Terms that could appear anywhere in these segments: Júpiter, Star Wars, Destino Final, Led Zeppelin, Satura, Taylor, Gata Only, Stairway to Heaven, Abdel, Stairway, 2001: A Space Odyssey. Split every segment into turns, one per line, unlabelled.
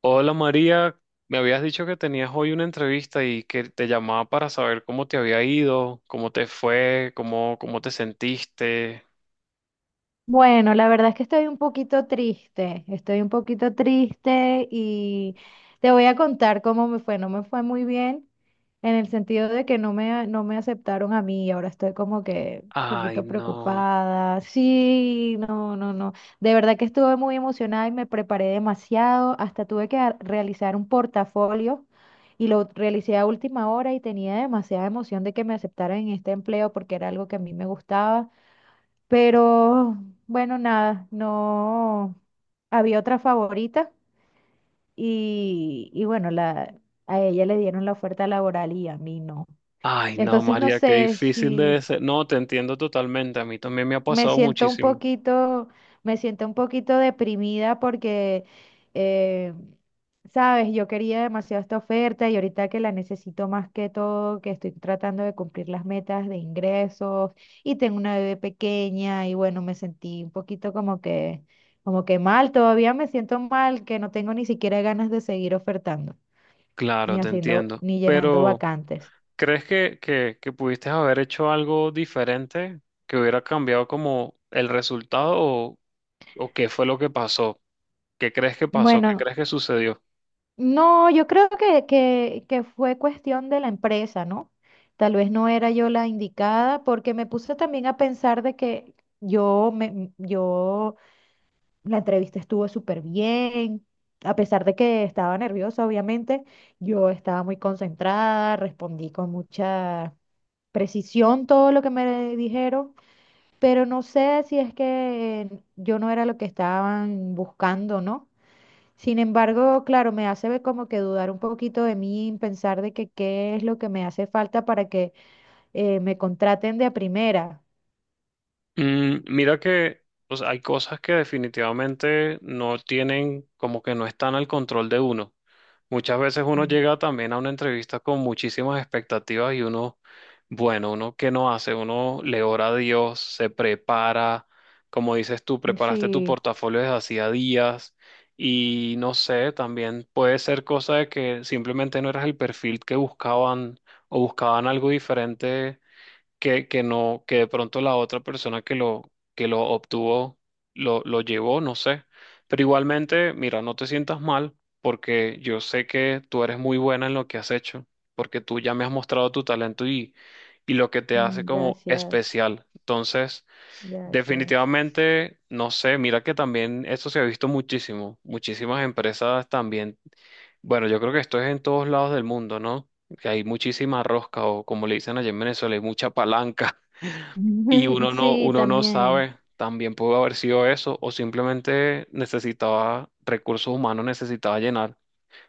Hola María, me habías dicho que tenías hoy una entrevista y que te llamaba para saber cómo te había ido, cómo te fue, cómo te sentiste.
Bueno, la verdad es que estoy un poquito triste, estoy un poquito triste y te voy a contar cómo me fue. No me fue muy bien en el sentido de que no me aceptaron a mí ahora estoy como que un
Ay,
poquito
no.
preocupada. Sí, no, no, no. De verdad que estuve muy emocionada y me preparé demasiado. Hasta tuve que realizar un portafolio y lo realicé a última hora y tenía demasiada emoción de que me aceptaran en este empleo porque era algo que a mí me gustaba. Pero bueno, nada, no había otra favorita y bueno, la, a ella le dieron la oferta laboral y a mí no.
Ay, no,
Entonces no
María, qué
sé
difícil debe
si,
ser. No, te entiendo totalmente. A mí también me ha
me
pasado
siento un
muchísimo.
poquito, me siento un poquito deprimida porque, eh, sabes, yo quería demasiado esta oferta y ahorita que la necesito más que todo, que estoy tratando de cumplir las metas de ingresos y tengo una bebé pequeña y bueno, me sentí un poquito como que mal, todavía me siento mal, que no tengo ni siquiera ganas de seguir ofertando, ni
Claro, te
haciendo,
entiendo.
ni llenando
Pero
vacantes.
¿crees que pudiste haber hecho algo diferente que hubiera cambiado como el resultado o qué fue lo que pasó? ¿Qué crees que pasó? ¿Qué
Bueno,
crees que sucedió?
no, yo creo que fue cuestión de la empresa, ¿no? Tal vez no era yo la indicada, porque me puse también a pensar de que yo, la entrevista estuvo súper bien, a pesar de que estaba nerviosa, obviamente, yo estaba muy concentrada, respondí con mucha precisión todo lo que me dijeron, pero no sé si es que yo no era lo que estaban buscando, ¿no? Sin embargo, claro, me hace ver como que dudar un poquito de mí, pensar de que qué es lo que me hace falta para que me contraten de a primera.
Mm, mira que o sea, hay cosas que definitivamente no tienen, como que no están al control de uno. Muchas veces uno
Mm,
llega también a una entrevista con muchísimas expectativas y uno, bueno, uno qué no hace, uno le ora a Dios, se prepara, como dices tú, preparaste tu
sí,
portafolio desde hacía días y no sé, también puede ser cosa de que simplemente no eras el perfil que buscaban o buscaban algo diferente que no, que de pronto la otra persona que lo obtuvo lo llevó, no sé. Pero igualmente, mira, no te sientas mal porque yo sé que tú eres muy buena en lo que has hecho, porque tú ya me has mostrado tu talento y lo que te hace
mm,
como
gracias,
especial. Entonces,
gracias.
definitivamente, no sé, mira que también eso se ha visto muchísimo. Muchísimas empresas también bueno, yo creo que esto es en todos lados del mundo, ¿no? Que hay muchísima rosca, o como le dicen allá en Venezuela, hay mucha palanca, y
Sí,
uno no
también.
sabe, también pudo haber sido eso, o simplemente necesitaba recursos humanos, necesitaba llenar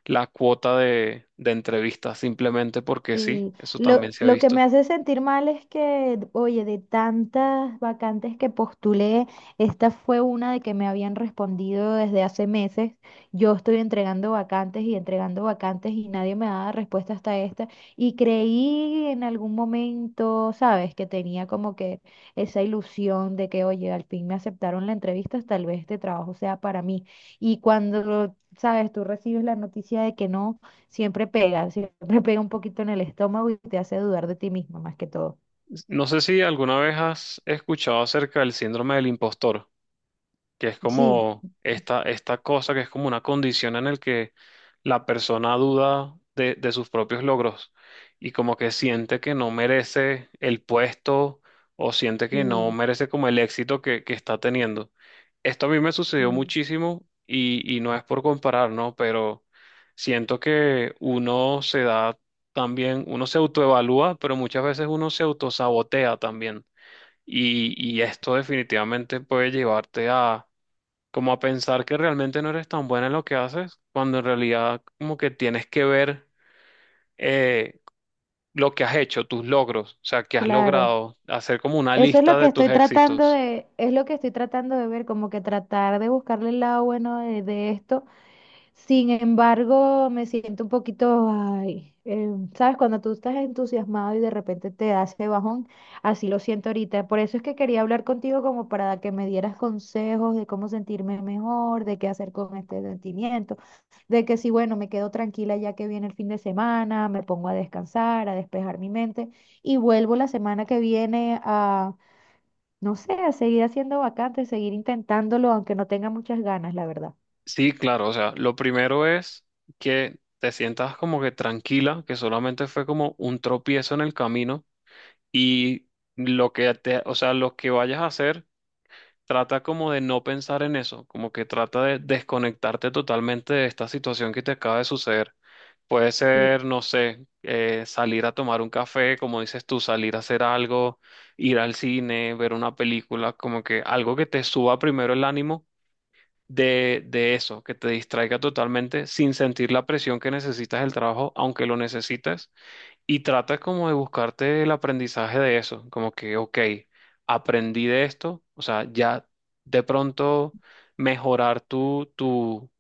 la cuota de entrevistas, simplemente porque sí,
Sí,
eso también se ha
lo que
visto.
me hace sentir mal es que, oye, de tantas vacantes que postulé, esta fue una de que me habían respondido desde hace meses. Yo estoy entregando vacantes y nadie me da respuesta hasta esta. Y creí en algún momento, ¿sabes? Que tenía como que esa ilusión de que, oye, al fin me aceptaron la entrevista, tal vez este trabajo sea para mí. Y cuando, ¿sabes? Tú recibes la noticia de que no. Siempre pega un poquito en el estómago y te hace dudar de ti mismo más que todo.
No sé si alguna vez has escuchado acerca del síndrome del impostor, que es
Sí,
como esta cosa que es como una condición en el que la persona duda de sus propios logros y como que siente que no merece el puesto o siente que no
sí,
merece como el éxito que está teniendo. Esto a mí me sucedió
sí,
muchísimo y no es por comparar, ¿no? Pero siento que uno se da también, uno se autoevalúa, pero muchas veces uno se autosabotea también. Y esto definitivamente puede llevarte como a pensar que realmente no eres tan buena en lo que haces, cuando en realidad como que tienes que ver eh, lo que has hecho, tus logros, o sea, que has
claro.
logrado, hacer como una
Eso es lo
lista
que
de tus
estoy tratando
éxitos.
de, es lo que estoy tratando de ver, como que tratar de buscarle el lado bueno de esto. Sin embargo, me siento un poquito, ay, ¿sabes? Cuando tú estás entusiasmado y de repente te das ese bajón, así lo siento ahorita. Por eso es que quería hablar contigo como para que me dieras consejos de cómo sentirme mejor, de qué hacer con este sentimiento, de que si, bueno, me quedo tranquila ya que viene el fin de semana, me pongo a descansar, a despejar mi mente y vuelvo la semana que viene a, no sé, a seguir haciendo vacantes, seguir intentándolo, aunque no tenga muchas ganas, la verdad.
Sí, claro, o sea, lo primero es que te sientas como que tranquila, que solamente fue como un tropiezo en el camino y lo que te, o sea, lo que vayas a hacer, trata como de no pensar en eso, como que trata de desconectarte totalmente de esta situación que te acaba de suceder. Puede
Sí,
ser, no sé, salir a tomar un café, como dices tú, salir a hacer algo, ir al cine, ver una película, como que algo que te suba primero el ánimo de eso, que te distraiga totalmente sin sentir la presión que necesitas del trabajo, aunque lo necesites y trata como de buscarte el aprendizaje de eso, como que, ok, aprendí de esto, o sea, ya de pronto mejorar tu, tu,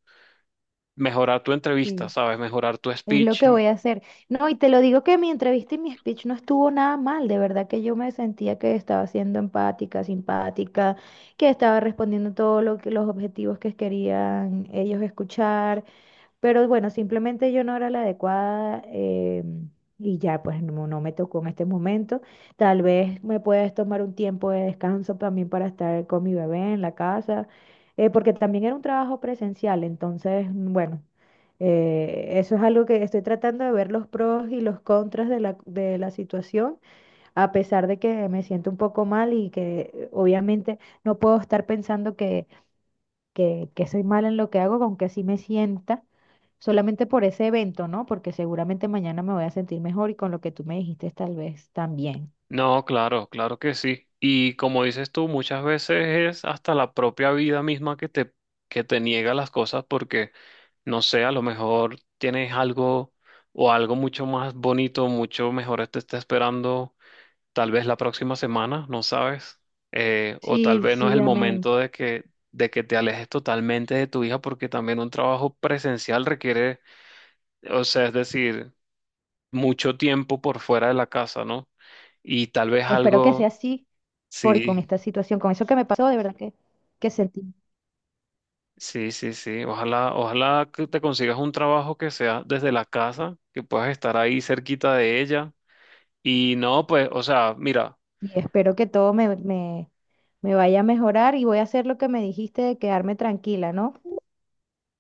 mejorar tu
sí.
entrevista, ¿sabes? Mejorar tu
Es lo
speech.
que voy a hacer. No, y te lo digo que mi entrevista y mi speech no estuvo nada mal. De verdad que yo me sentía que estaba siendo empática, simpática, que estaba respondiendo todos los objetivos que querían ellos escuchar. Pero bueno, simplemente yo no era la adecuada y ya pues no, no me tocó en este momento. Tal vez me puedes tomar un tiempo de descanso también para estar con mi bebé en la casa, porque también era un trabajo presencial, entonces bueno, eso es algo que estoy tratando de ver los pros y los contras de de la situación, a pesar de que me siento un poco mal y que obviamente no puedo estar pensando que que soy mala en lo que hago, con que así me sienta, solamente por ese evento, ¿no? Porque seguramente mañana me voy a sentir mejor y con lo que tú me dijiste tal vez también.
No, claro, claro que sí. Y como dices tú, muchas veces es hasta la propia vida misma que te niega las cosas porque, no sé, a lo mejor tienes algo o algo mucho más bonito, mucho mejor te está esperando tal vez la próxima semana, no sabes, o tal
Sí,
vez no es
sí,
el
amén.
momento de que te alejes totalmente de tu hija porque también un trabajo presencial requiere, o sea, es decir, mucho tiempo por fuera de la casa, ¿no? Y tal vez
Espero que sea
algo,
así, por con
sí,
esta situación, con eso que me pasó, de verdad que sentí.
sí, sí, sí, ojalá, ojalá que te consigas un trabajo que sea desde la casa, que puedas estar ahí cerquita de ella. Y no, pues, o sea, mira.
Y espero que todo me vaya a mejorar y voy a hacer lo que me dijiste de quedarme tranquila, ¿no?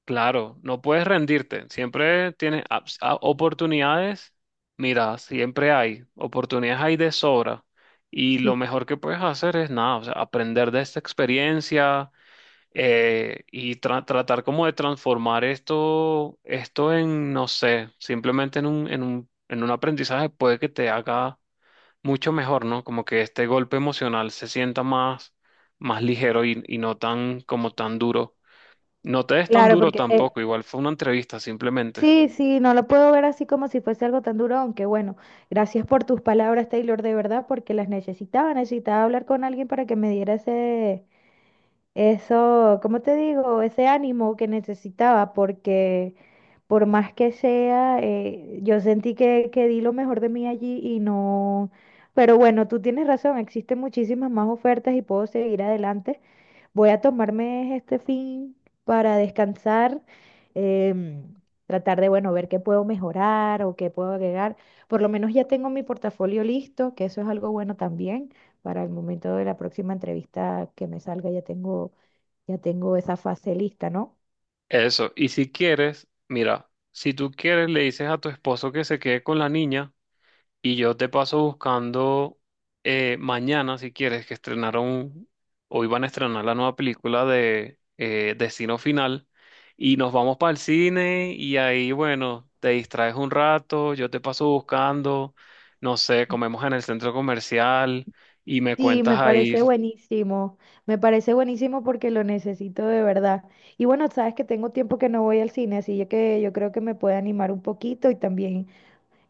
Claro, no puedes rendirte, siempre tienes oportunidades, mira, siempre hay, oportunidades hay de sobra y
Sí,
lo mejor que puedes hacer es nada, o sea, aprender de esta experiencia tratar como de transformar esto, no sé, simplemente en en un aprendizaje puede que te haga mucho mejor, ¿no? Como que este golpe emocional se sienta más ligero y no tan, como tan duro. No te des tan
claro,
duro
porque
tampoco, igual fue una entrevista simplemente.
sí, sí, no lo puedo ver así como si fuese algo tan duro, aunque bueno, gracias por tus palabras, Taylor, de verdad, porque las necesitaba, necesitaba hablar con alguien para que me diera ese, eso, ¿cómo te digo? Ese ánimo que necesitaba, porque por más que sea, yo sentí que di lo mejor de mí allí y no... Pero bueno, tú tienes razón, existen muchísimas más ofertas y puedo seguir adelante. Voy a tomarme este fin para descansar, em, tratar de, bueno, ver qué puedo mejorar o qué puedo agregar. Por lo menos ya tengo mi portafolio listo, que eso es algo bueno también para el momento de la próxima entrevista que me salga, ya tengo esa fase lista, ¿no?
Eso, y si quieres, mira, si tú quieres le dices a tu esposo que se quede con la niña y yo te paso buscando mañana, si quieres, que estrenaron o iban a estrenar la nueva película de Destino Final y nos vamos para el cine y ahí, bueno, te distraes un rato, yo te paso buscando, no sé, comemos en el centro comercial y me
Sí,
cuentas ahí.
me parece buenísimo porque lo necesito de verdad. Y bueno, sabes que tengo tiempo que no voy al cine, así que yo creo que me puede animar un poquito y también,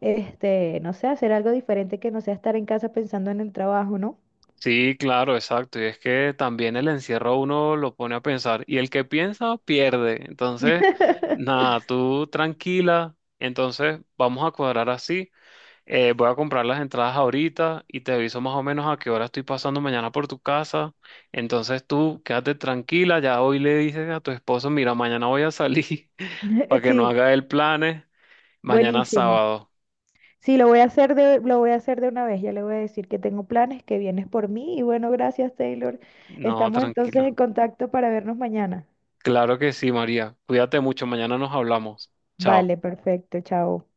este, no sé, hacer algo diferente que no sea estar en casa pensando en el trabajo, ¿no?
Sí, claro, exacto. Y es que también el encierro a uno lo pone a pensar. Y el que piensa, pierde. Entonces, nada, tú tranquila. Entonces, vamos a cuadrar así. Voy a comprar las entradas ahorita y te aviso más o menos a qué hora estoy pasando mañana por tu casa. Entonces, tú quédate tranquila. Ya hoy le dices a tu esposo, mira, mañana voy a salir para que no
Sí,
haga el planes. Mañana
buenísimo.
sábado.
Sí, lo voy a hacer de una vez. Ya le voy a decir que tengo planes, que vienes por mí. Y bueno, gracias, Taylor.
No,
Estamos entonces
tranquila.
en contacto para vernos mañana.
Claro que sí, María. Cuídate mucho. Mañana nos hablamos. Chao.
Vale, perfecto. Chao.